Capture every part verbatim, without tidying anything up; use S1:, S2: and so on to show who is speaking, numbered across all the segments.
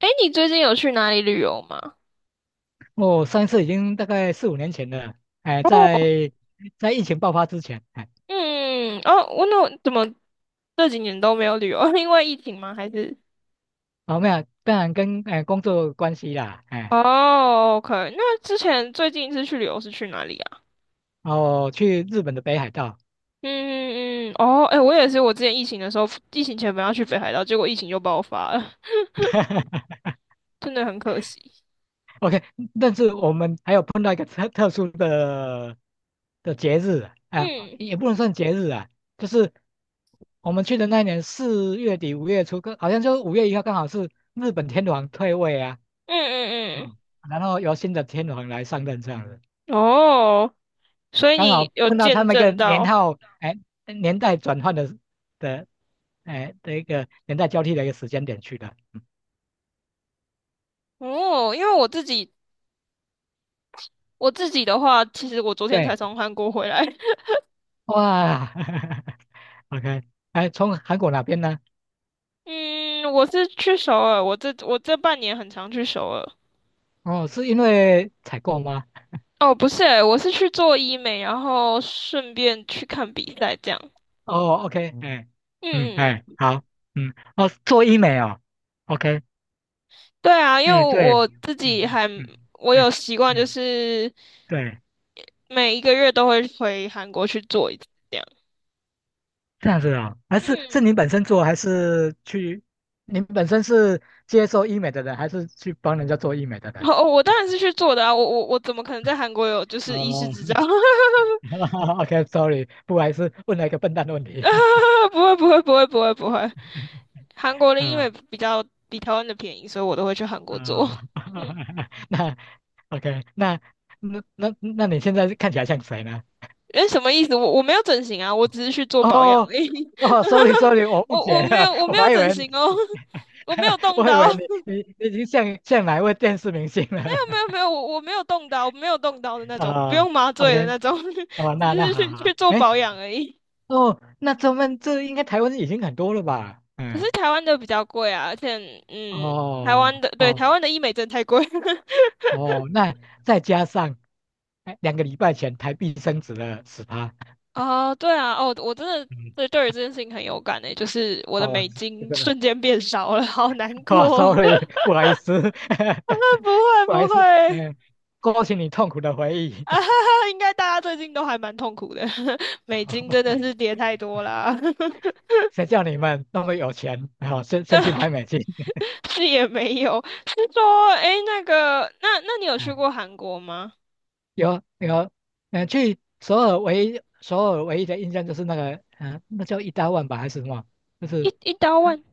S1: 哎，你最近有去哪里旅游吗？
S2: 哦，上一次已经大概四五年前了，哎，
S1: 哦，
S2: 在在疫情爆发之前，哎，
S1: 嗯，嗯哦，我那怎么这几年都没有旅游？因为疫情吗？还是？
S2: 哦，没有，当然跟哎工作有关系啦，哎，
S1: 哦，OK，那之前最近一次去旅游是去哪里啊？
S2: 哦，去日本的北海道。
S1: 嗯嗯嗯，哦，哎，我也是，我之前疫情的时候，疫情前本来要去北海道，结果疫情就爆发了，真的很可惜。
S2: ，OK，但是我们还有碰到一个特特殊的的节日，啊，哎
S1: 嗯
S2: 也不能算节日啊，就是我们去的那一年四月底五月初，刚好像就五月一号刚好是日本天皇退位啊。
S1: 嗯嗯
S2: 嗯，然后由新的天皇来上任，这样
S1: 嗯，哦，所以
S2: 刚
S1: 你
S2: 好
S1: 有
S2: 碰到他
S1: 见
S2: 们一个
S1: 证
S2: 年
S1: 到。
S2: 号，哎，年代转换的的，哎的一个年代交替的一个时间点去的。嗯，
S1: 哦，因为我自己我自己的话，其实我昨天
S2: 对。
S1: 才从韩国回来，
S2: 哇。 ，OK，哎，从韩国哪边呢？
S1: 嗯，我是去首尔，我这我这半年很常去首尔。
S2: 哦，是因为采购吗？
S1: 哦，不是欸，我是去做医美，然后顺便去看比赛这样。
S2: 哦，OK。哎，嗯，
S1: 嗯
S2: 哎，
S1: 嗯，
S2: 好。嗯，哦，做医美哦。OK，
S1: 对啊，因为
S2: 哎，对。嗯
S1: 我自己
S2: 嗯
S1: 还
S2: 嗯。
S1: 我
S2: 哎，
S1: 有习惯，就
S2: 嗯，
S1: 是
S2: 对，
S1: 每一个月都会回韩国去做一次这样。
S2: 这样子啊，还是是
S1: 嗯，
S2: 您本身做，还是去？您本身是接受医美的人，还是去帮人家做医美的人？
S1: 哦，我当然是去做的啊，我我我怎么可能在韩国有就是医师
S2: 哦。
S1: 执照？
S2: ，OK，sorry，不好意思，问了一个笨蛋的问
S1: 啊
S2: 题。
S1: 不会不会不会不会不会，韩国 的医
S2: 啊
S1: 美比较比台湾的便宜，所以我都会去韩国做。
S2: 啊。那 OK，那那那那你现在看起来像谁呢？
S1: 哎，什么意思？我我没有整形啊，我只是去做保养而
S2: 哦
S1: 已。
S2: 哦，sorry sorry，我
S1: 我
S2: 误解
S1: 我没
S2: 了。
S1: 有 我
S2: 我
S1: 没有
S2: 还以
S1: 整
S2: 为你。
S1: 形哦，我没有 动
S2: 我以
S1: 刀，
S2: 为你你你已经像像哪一位电视明星
S1: 没
S2: 了。
S1: 有 没有，我我没有动刀，我没有动刀的那种，不
S2: 啊
S1: 用麻醉的
S2: ，OK，
S1: 那种，
S2: 哦，
S1: 只
S2: 那那
S1: 是
S2: 好
S1: 去
S2: 好。
S1: 去做
S2: 哎，
S1: 保养而已。
S2: 哦，那咱们这应该台湾已经很多了吧？
S1: 可是
S2: 嗯。
S1: 台湾的比较贵啊，而且嗯，台湾
S2: 哦，
S1: 的对
S2: 哦，
S1: 台湾的医美真的太贵。
S2: 哦，那再加上，哎，两个礼拜前台币升值了十趴。
S1: 哦，对啊，哦，我真的
S2: 嗯，
S1: 对对于这件事情很有感诶，就是我的
S2: 哦，
S1: 美
S2: 这
S1: 金
S2: 个的，
S1: 瞬间变少了，好难
S2: 哇
S1: 过。
S2: ，sorry。不好意思。
S1: 不 会
S2: 不好意
S1: 不
S2: 思。
S1: 会，
S2: 嗯，勾起你痛苦的回 忆。
S1: 啊，哈哈，应该大家最近都还蛮痛苦的，美金真的是 跌太多啦。
S2: 谁叫你们那么有钱？好，先先去买美金。
S1: 是也没有，是说，诶，那个，那那你有去过 韩国吗？
S2: 有有，呃，去首尔唯一首尔唯一的印象就是那个。嗯、那叫一大万吧还是什么？就
S1: 一
S2: 是，
S1: 一刀
S2: 啊
S1: 万，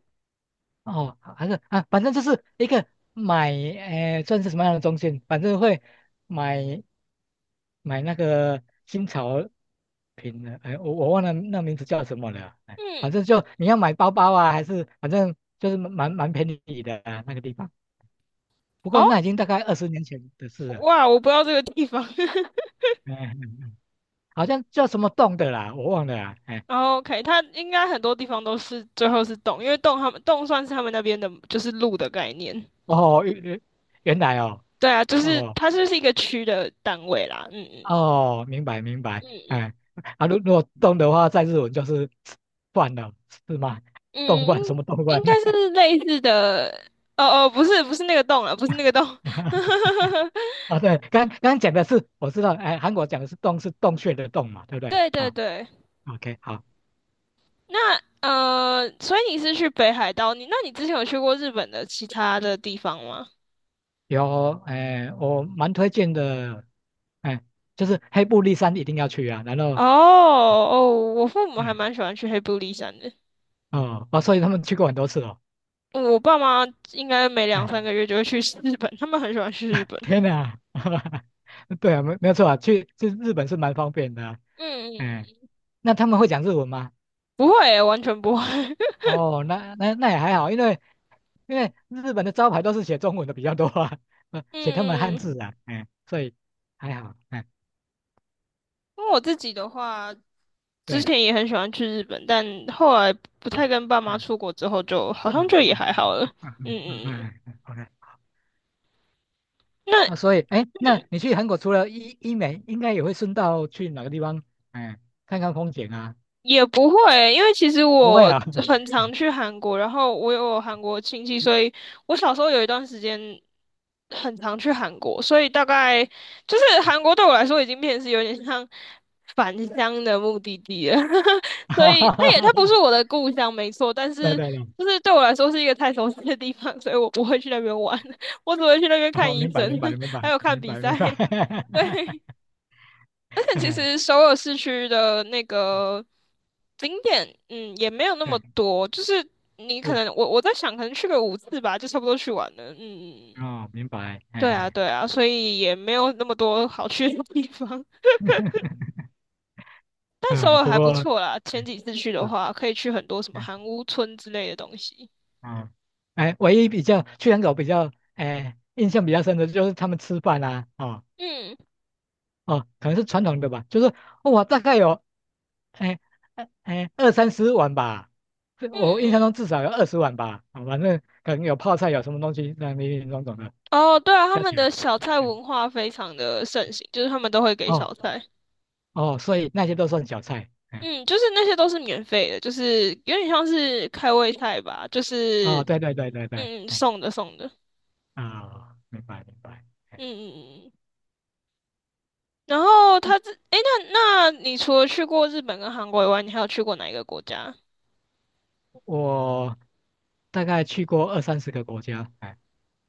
S2: 哦，还是啊，反正就是一个买，呃，算是什么样的中心，反正会买买那个新潮品的。哎，我我忘了那名字叫什么了。哎，
S1: 嗯，
S2: 反正就你要买包包啊，还是反正就是蛮蛮便宜的、啊、那个地方。不过
S1: 哦，
S2: 那已经大概二十年前的事了。
S1: 哇，我不知道这个地方。
S2: 哎嗯嗯嗯，好像叫什么洞的啦，我忘了啊。哎
S1: 然后 OK，它应该很多地方都是最后是洞，因为洞他们洞算是他们那边的，就是路的概念。
S2: 哦，原原原来哦。
S1: 对啊，就是
S2: 哦
S1: 它就是一个区的单位啦。嗯嗯
S2: 哦，明白明白。
S1: 嗯嗯。
S2: 哎，啊，如如果动的话，在日文就是饭了，是吗？
S1: 嗯，
S2: 动
S1: 应
S2: 饭什么动饭
S1: 应
S2: 呢？
S1: 该是类似的。哦哦，不是不是那个洞了，不是那个洞。
S2: 啊，对，刚刚刚讲的是我知道，哎，韩国讲的是洞是洞穴的洞嘛，对不对？
S1: 对对
S2: 啊
S1: 对，
S2: ，OK，好。
S1: 那呃，所以你是去北海道？你那你之前有去过日本的其他的地方吗？
S2: 有，哎，我蛮推荐的，哎，就是黑布利山一定要去啊。然
S1: 哦
S2: 后，
S1: 哦，我父母还
S2: 哎，
S1: 蛮喜欢去黑部立山的。
S2: 哦，哦，所以他们去过很多次哦。
S1: 我爸妈应该每两三
S2: 哎。
S1: 个月就会去日本，他们很喜欢去日 本。
S2: 天哪。对啊，没没有错啊，去去日本是蛮方便的啊。
S1: 嗯嗯，
S2: 嗯，
S1: 嗯
S2: 那他们会讲日文吗？
S1: 不会欸完全不会。
S2: 哦，那那那也还好。因为因为日本的招牌都是写中文的比较多啊，呃写他们汉
S1: 嗯
S2: 字
S1: 嗯，
S2: 啊。嗯，所以还好。嗯，
S1: 因为我自己的话。之
S2: 对。
S1: 前也很喜欢去日本，但后来不太
S2: 嗯
S1: 跟爸妈出国之后就，好像
S2: 嗯
S1: 就
S2: 嗯
S1: 也还好
S2: 嗯
S1: 了。
S2: 嗯
S1: 嗯
S2: 嗯嗯
S1: 嗯，嗯
S2: 嗯。OK，
S1: 那
S2: 啊，所以哎，那
S1: 嗯
S2: 你去韩国除了医医美，应该也会顺道去哪个地方，哎，看看风景啊？
S1: 也不会，因为其实
S2: 不会
S1: 我
S2: 啊。
S1: 很常去韩国，然后我有韩国亲戚，所以我小时候有一段时间很常去韩国，所以大概就是韩国对我来说已经变成是有点像返乡的目的地了，所
S2: 哈
S1: 以
S2: 哈哈
S1: 它
S2: 哈
S1: 也它
S2: 哈。
S1: 不是我的故乡，没错，但
S2: 对
S1: 是
S2: 对对，
S1: 就是对我来说是一个太熟悉的地方，所以我不会去那边玩，我只会去那边
S2: 哦，
S1: 看
S2: 明
S1: 医
S2: 白，
S1: 生，
S2: 明白，明 白，
S1: 还有看
S2: 明
S1: 比
S2: 白，明
S1: 赛，
S2: 白。
S1: 对。而且其
S2: 哎，
S1: 实首尔市区的那个景点，嗯，也没有那么
S2: 对，
S1: 多，就是你可
S2: 是，
S1: 能我我在想，可能去个五次吧，就差不多去完了。嗯嗯嗯，
S2: 哦，明白。
S1: 对啊
S2: 哎，
S1: 对啊，所以也没有那么多好去的地方，但首
S2: 呃，
S1: 尔
S2: 不
S1: 还不
S2: 过，
S1: 错啦。前
S2: 嗯，
S1: 几次去的
S2: 是，
S1: 话，可以去很多什么
S2: 嗯，
S1: 韩屋村之类的东西。
S2: 哦，哎，唯一比较去养狗比较，哎，印象比较深的就是他们吃饭啊。哦，
S1: 嗯
S2: 哦，可能是传统的吧，就是我大概有。哎，哎，哎，二三十碗吧，这
S1: 嗯
S2: 我印象
S1: 嗯，
S2: 中至少有二十碗吧。哦，反正可能有泡菜，有什么东西，那林林总总的
S1: 哦，对啊，他
S2: 加
S1: 们
S2: 起来。
S1: 的小
S2: 嗯
S1: 菜
S2: 嗯，
S1: 文化非常的盛行，就是他们都会给小
S2: 哦，
S1: 菜。
S2: 哦，所以那些都算小菜。哎，
S1: 嗯，就是那些都是免费的，就是有点像是开胃菜吧，就
S2: 哦，
S1: 是
S2: 对对对对对。
S1: 嗯
S2: 哎，
S1: 送的送的，
S2: 啊、明白明白。
S1: 嗯
S2: 哎，
S1: 嗯嗯。然后他这，诶，那那你除了去过日本跟韩国以外，你还有去过哪一个国家？
S2: 我大概去过二三十个国家。哎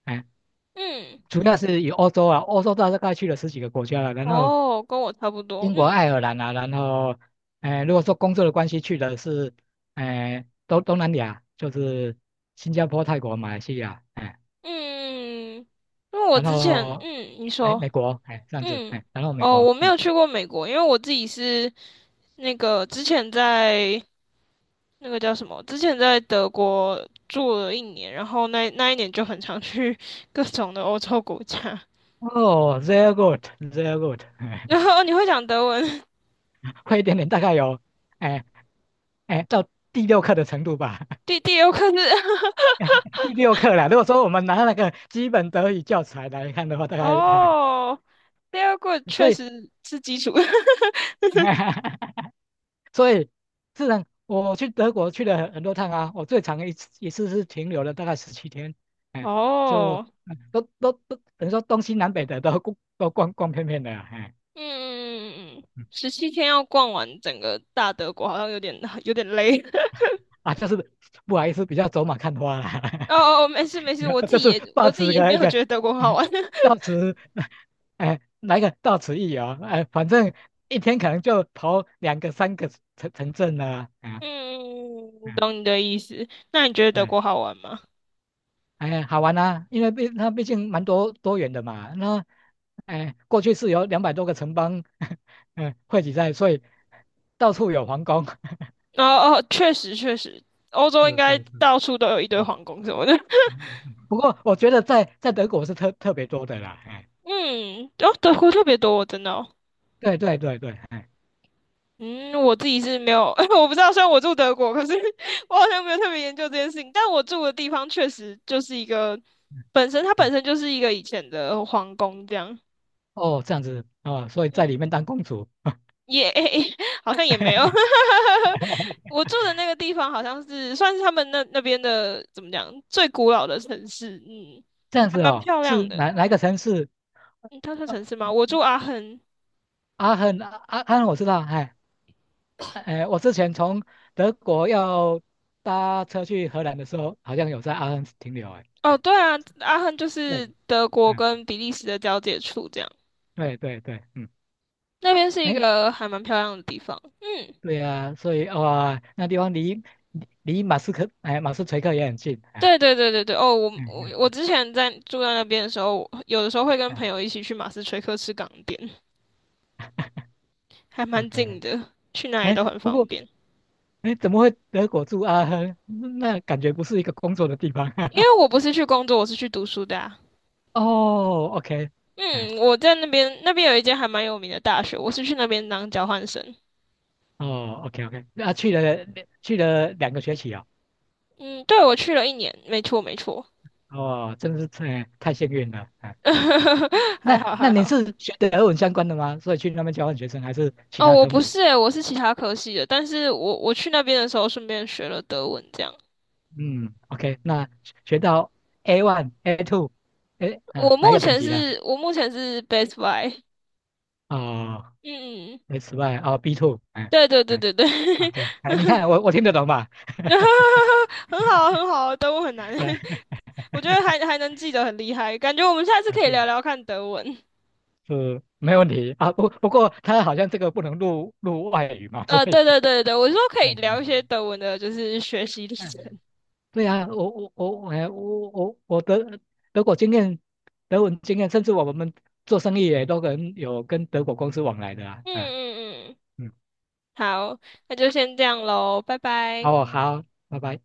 S2: 哎，
S1: 嗯，
S2: 主要是以欧洲啊，欧洲大概去了十几个国家了。然后
S1: 哦，跟我差不多，
S2: 英国、
S1: 嗯
S2: 爱尔兰啊。然后，哎，如果说工作的关系去的是，哎，东东南亚，就是新加坡、泰国、马来西亚。哎，
S1: 嗯，因为我
S2: 然
S1: 之前，
S2: 后
S1: 嗯，你
S2: 美
S1: 说，
S2: 美国。哎，这样子。
S1: 嗯，
S2: 哎，然后美
S1: 哦，
S2: 国。
S1: 我没
S2: 嗯，
S1: 有去过美国，因为我自己是那个之前在那个叫什么？之前在德国住了一年，然后那那一年就很常去 各种的欧洲国家。
S2: 哦，very good，very good。
S1: 然后你会讲德文，
S2: 快一点点，大概有，哎哎，到第六课的程度吧。
S1: 第第六课是
S2: 第六课了。如果说我们拿那个基本德语教材来看的话，大 概，哎
S1: 哦，第二课
S2: 所
S1: 确
S2: 以。
S1: 实是基础
S2: 所以，自然我去德国去了很很多趟啊，我最长一次一次是停留了大概十七天。哎，就
S1: 哦，
S2: 嗯都都都等于说东西南北的都。 逛都逛逛遍遍的啊，哎，
S1: 嗯嗯嗯嗯，
S2: 嗯
S1: 十七天要逛完整个大德国，好像有点有点累。
S2: 啊，就是不好意思，比较走马看花啦。
S1: 哦哦，哦没事没事，我 自
S2: 就
S1: 己
S2: 是
S1: 也我
S2: 抱
S1: 自己
S2: 持
S1: 也没
S2: 个一
S1: 有
S2: 个。
S1: 觉得德国好玩。
S2: 抱持，到 此哎，来个到此一游。哎，反正一天可能就跑两个、三个城城镇了。啊，嗯，
S1: 嗯，懂你的意思。那你觉得德
S2: 对，
S1: 国好玩吗？
S2: 哎，好玩啊。因为毕它毕竟蛮多多元的嘛。那哎，过去是有两百多个城邦。嗯，汇集在，所以到处有皇宫。
S1: 哦哦，确实确实，欧洲应
S2: 是
S1: 该
S2: 是是。
S1: 到处都有一堆
S2: 嗯
S1: 皇宫什么的。
S2: 嗯嗯不过我觉得在在德国是特特别多的啦。哎，
S1: 嗯，哦，德国特别多，我真的哦。
S2: 对对对对。哎。
S1: 嗯，我自己是没有，我不知道，虽然我住德国，可是 我好像没有特别研究这件事情。但我住的地方确实就是一个，本身它本
S2: 嗯，
S1: 身就是一个以前的皇宫这样。
S2: 哦，这样子哦，所以在里
S1: 嗯，
S2: 面当公主。
S1: 也、好像也没有。我住的那个地方好像是算是他们那那边的怎么讲最古老的城市，嗯，
S2: 这样
S1: 还
S2: 子
S1: 蛮
S2: 哦，
S1: 漂亮
S2: 是
S1: 的。
S2: 哪哪一个城市？
S1: 嗯，它算
S2: 呃
S1: 城市吗？我住阿亨。
S2: 阿亨，阿阿亨我知道。哎，哎，我之前从德国要搭车去荷兰的时候，好像有在阿亨停留。哎，
S1: 哦，
S2: 哎，
S1: 对啊，阿亨就是
S2: 对。
S1: 德国
S2: 哎，
S1: 跟比利时的交界处，这样
S2: 对对对。嗯，
S1: 那边是一
S2: 哎，
S1: 个还蛮漂亮的地方。嗯，
S2: 对呀，所以哇，那地方离离离马斯克，哎，马斯垂克也很近。哎，
S1: 对对对对对。哦，我
S2: 嗯
S1: 我我
S2: 嗯。
S1: 之前在住在那边的时候，有的时候会跟
S2: 哎
S1: 朋友一起去马斯垂克吃港点，还蛮近
S2: ，OK。
S1: 的，去哪里
S2: 哎，
S1: 都很
S2: 不
S1: 方
S2: 过，
S1: 便。
S2: 哎，怎么会德国住阿亨？那感觉不是一个工作的地方。
S1: 因为我不是去工作，我是去读书的啊。
S2: 哦，OK。哎。
S1: 嗯，我在那边那边有一间还蛮有名的大学，我是去那边当交换生。
S2: 哦，OK OK，那、啊去了去了两个学期哦？
S1: 嗯，对，我去了一年，没错没错，
S2: 哦，真是太太幸运了。哎，
S1: 还
S2: 那
S1: 好
S2: 那
S1: 还
S2: 你
S1: 好。
S2: 是学的俄文相关的吗？所以去那边交换学生还是其
S1: 哦，
S2: 他
S1: 我
S2: 科
S1: 不
S2: 目？
S1: 是诶，我是其他科系的，但是我我去那边的时候顺便学了德文，这样。
S2: 嗯，OK，那学到 A one、A two，哎啊，
S1: 我
S2: 哪一
S1: 目
S2: 个等
S1: 前
S2: 级的？
S1: 是，我目前是 Best Buy，
S2: 哦
S1: 嗯嗯，
S2: ，S one 哦，B two。哎，
S1: 对对对
S2: 对
S1: 对对，
S2: ，OK。哎，你看我我听得懂吧？
S1: 很好很好，德文很难，
S2: 哎
S1: 我觉得还还能记得很厉害，感觉我们下次可以
S2: 是
S1: 聊聊看德文。
S2: 是没问题啊。不不过他好像这个不能录录外语嘛，所
S1: 呃，
S2: 以。
S1: 对对对对，我是说可以聊一些
S2: 嗯
S1: 德文的，就是学习历程。
S2: 嗯，对啊，我我我哎我我我德德国经验，德文经验，甚至我们做生意也都可能有跟德国公司往来的啊。
S1: 嗯
S2: 啊，
S1: 嗯嗯，
S2: 嗯，
S1: 好，那就先这样喽，拜拜。
S2: 好，好，拜拜。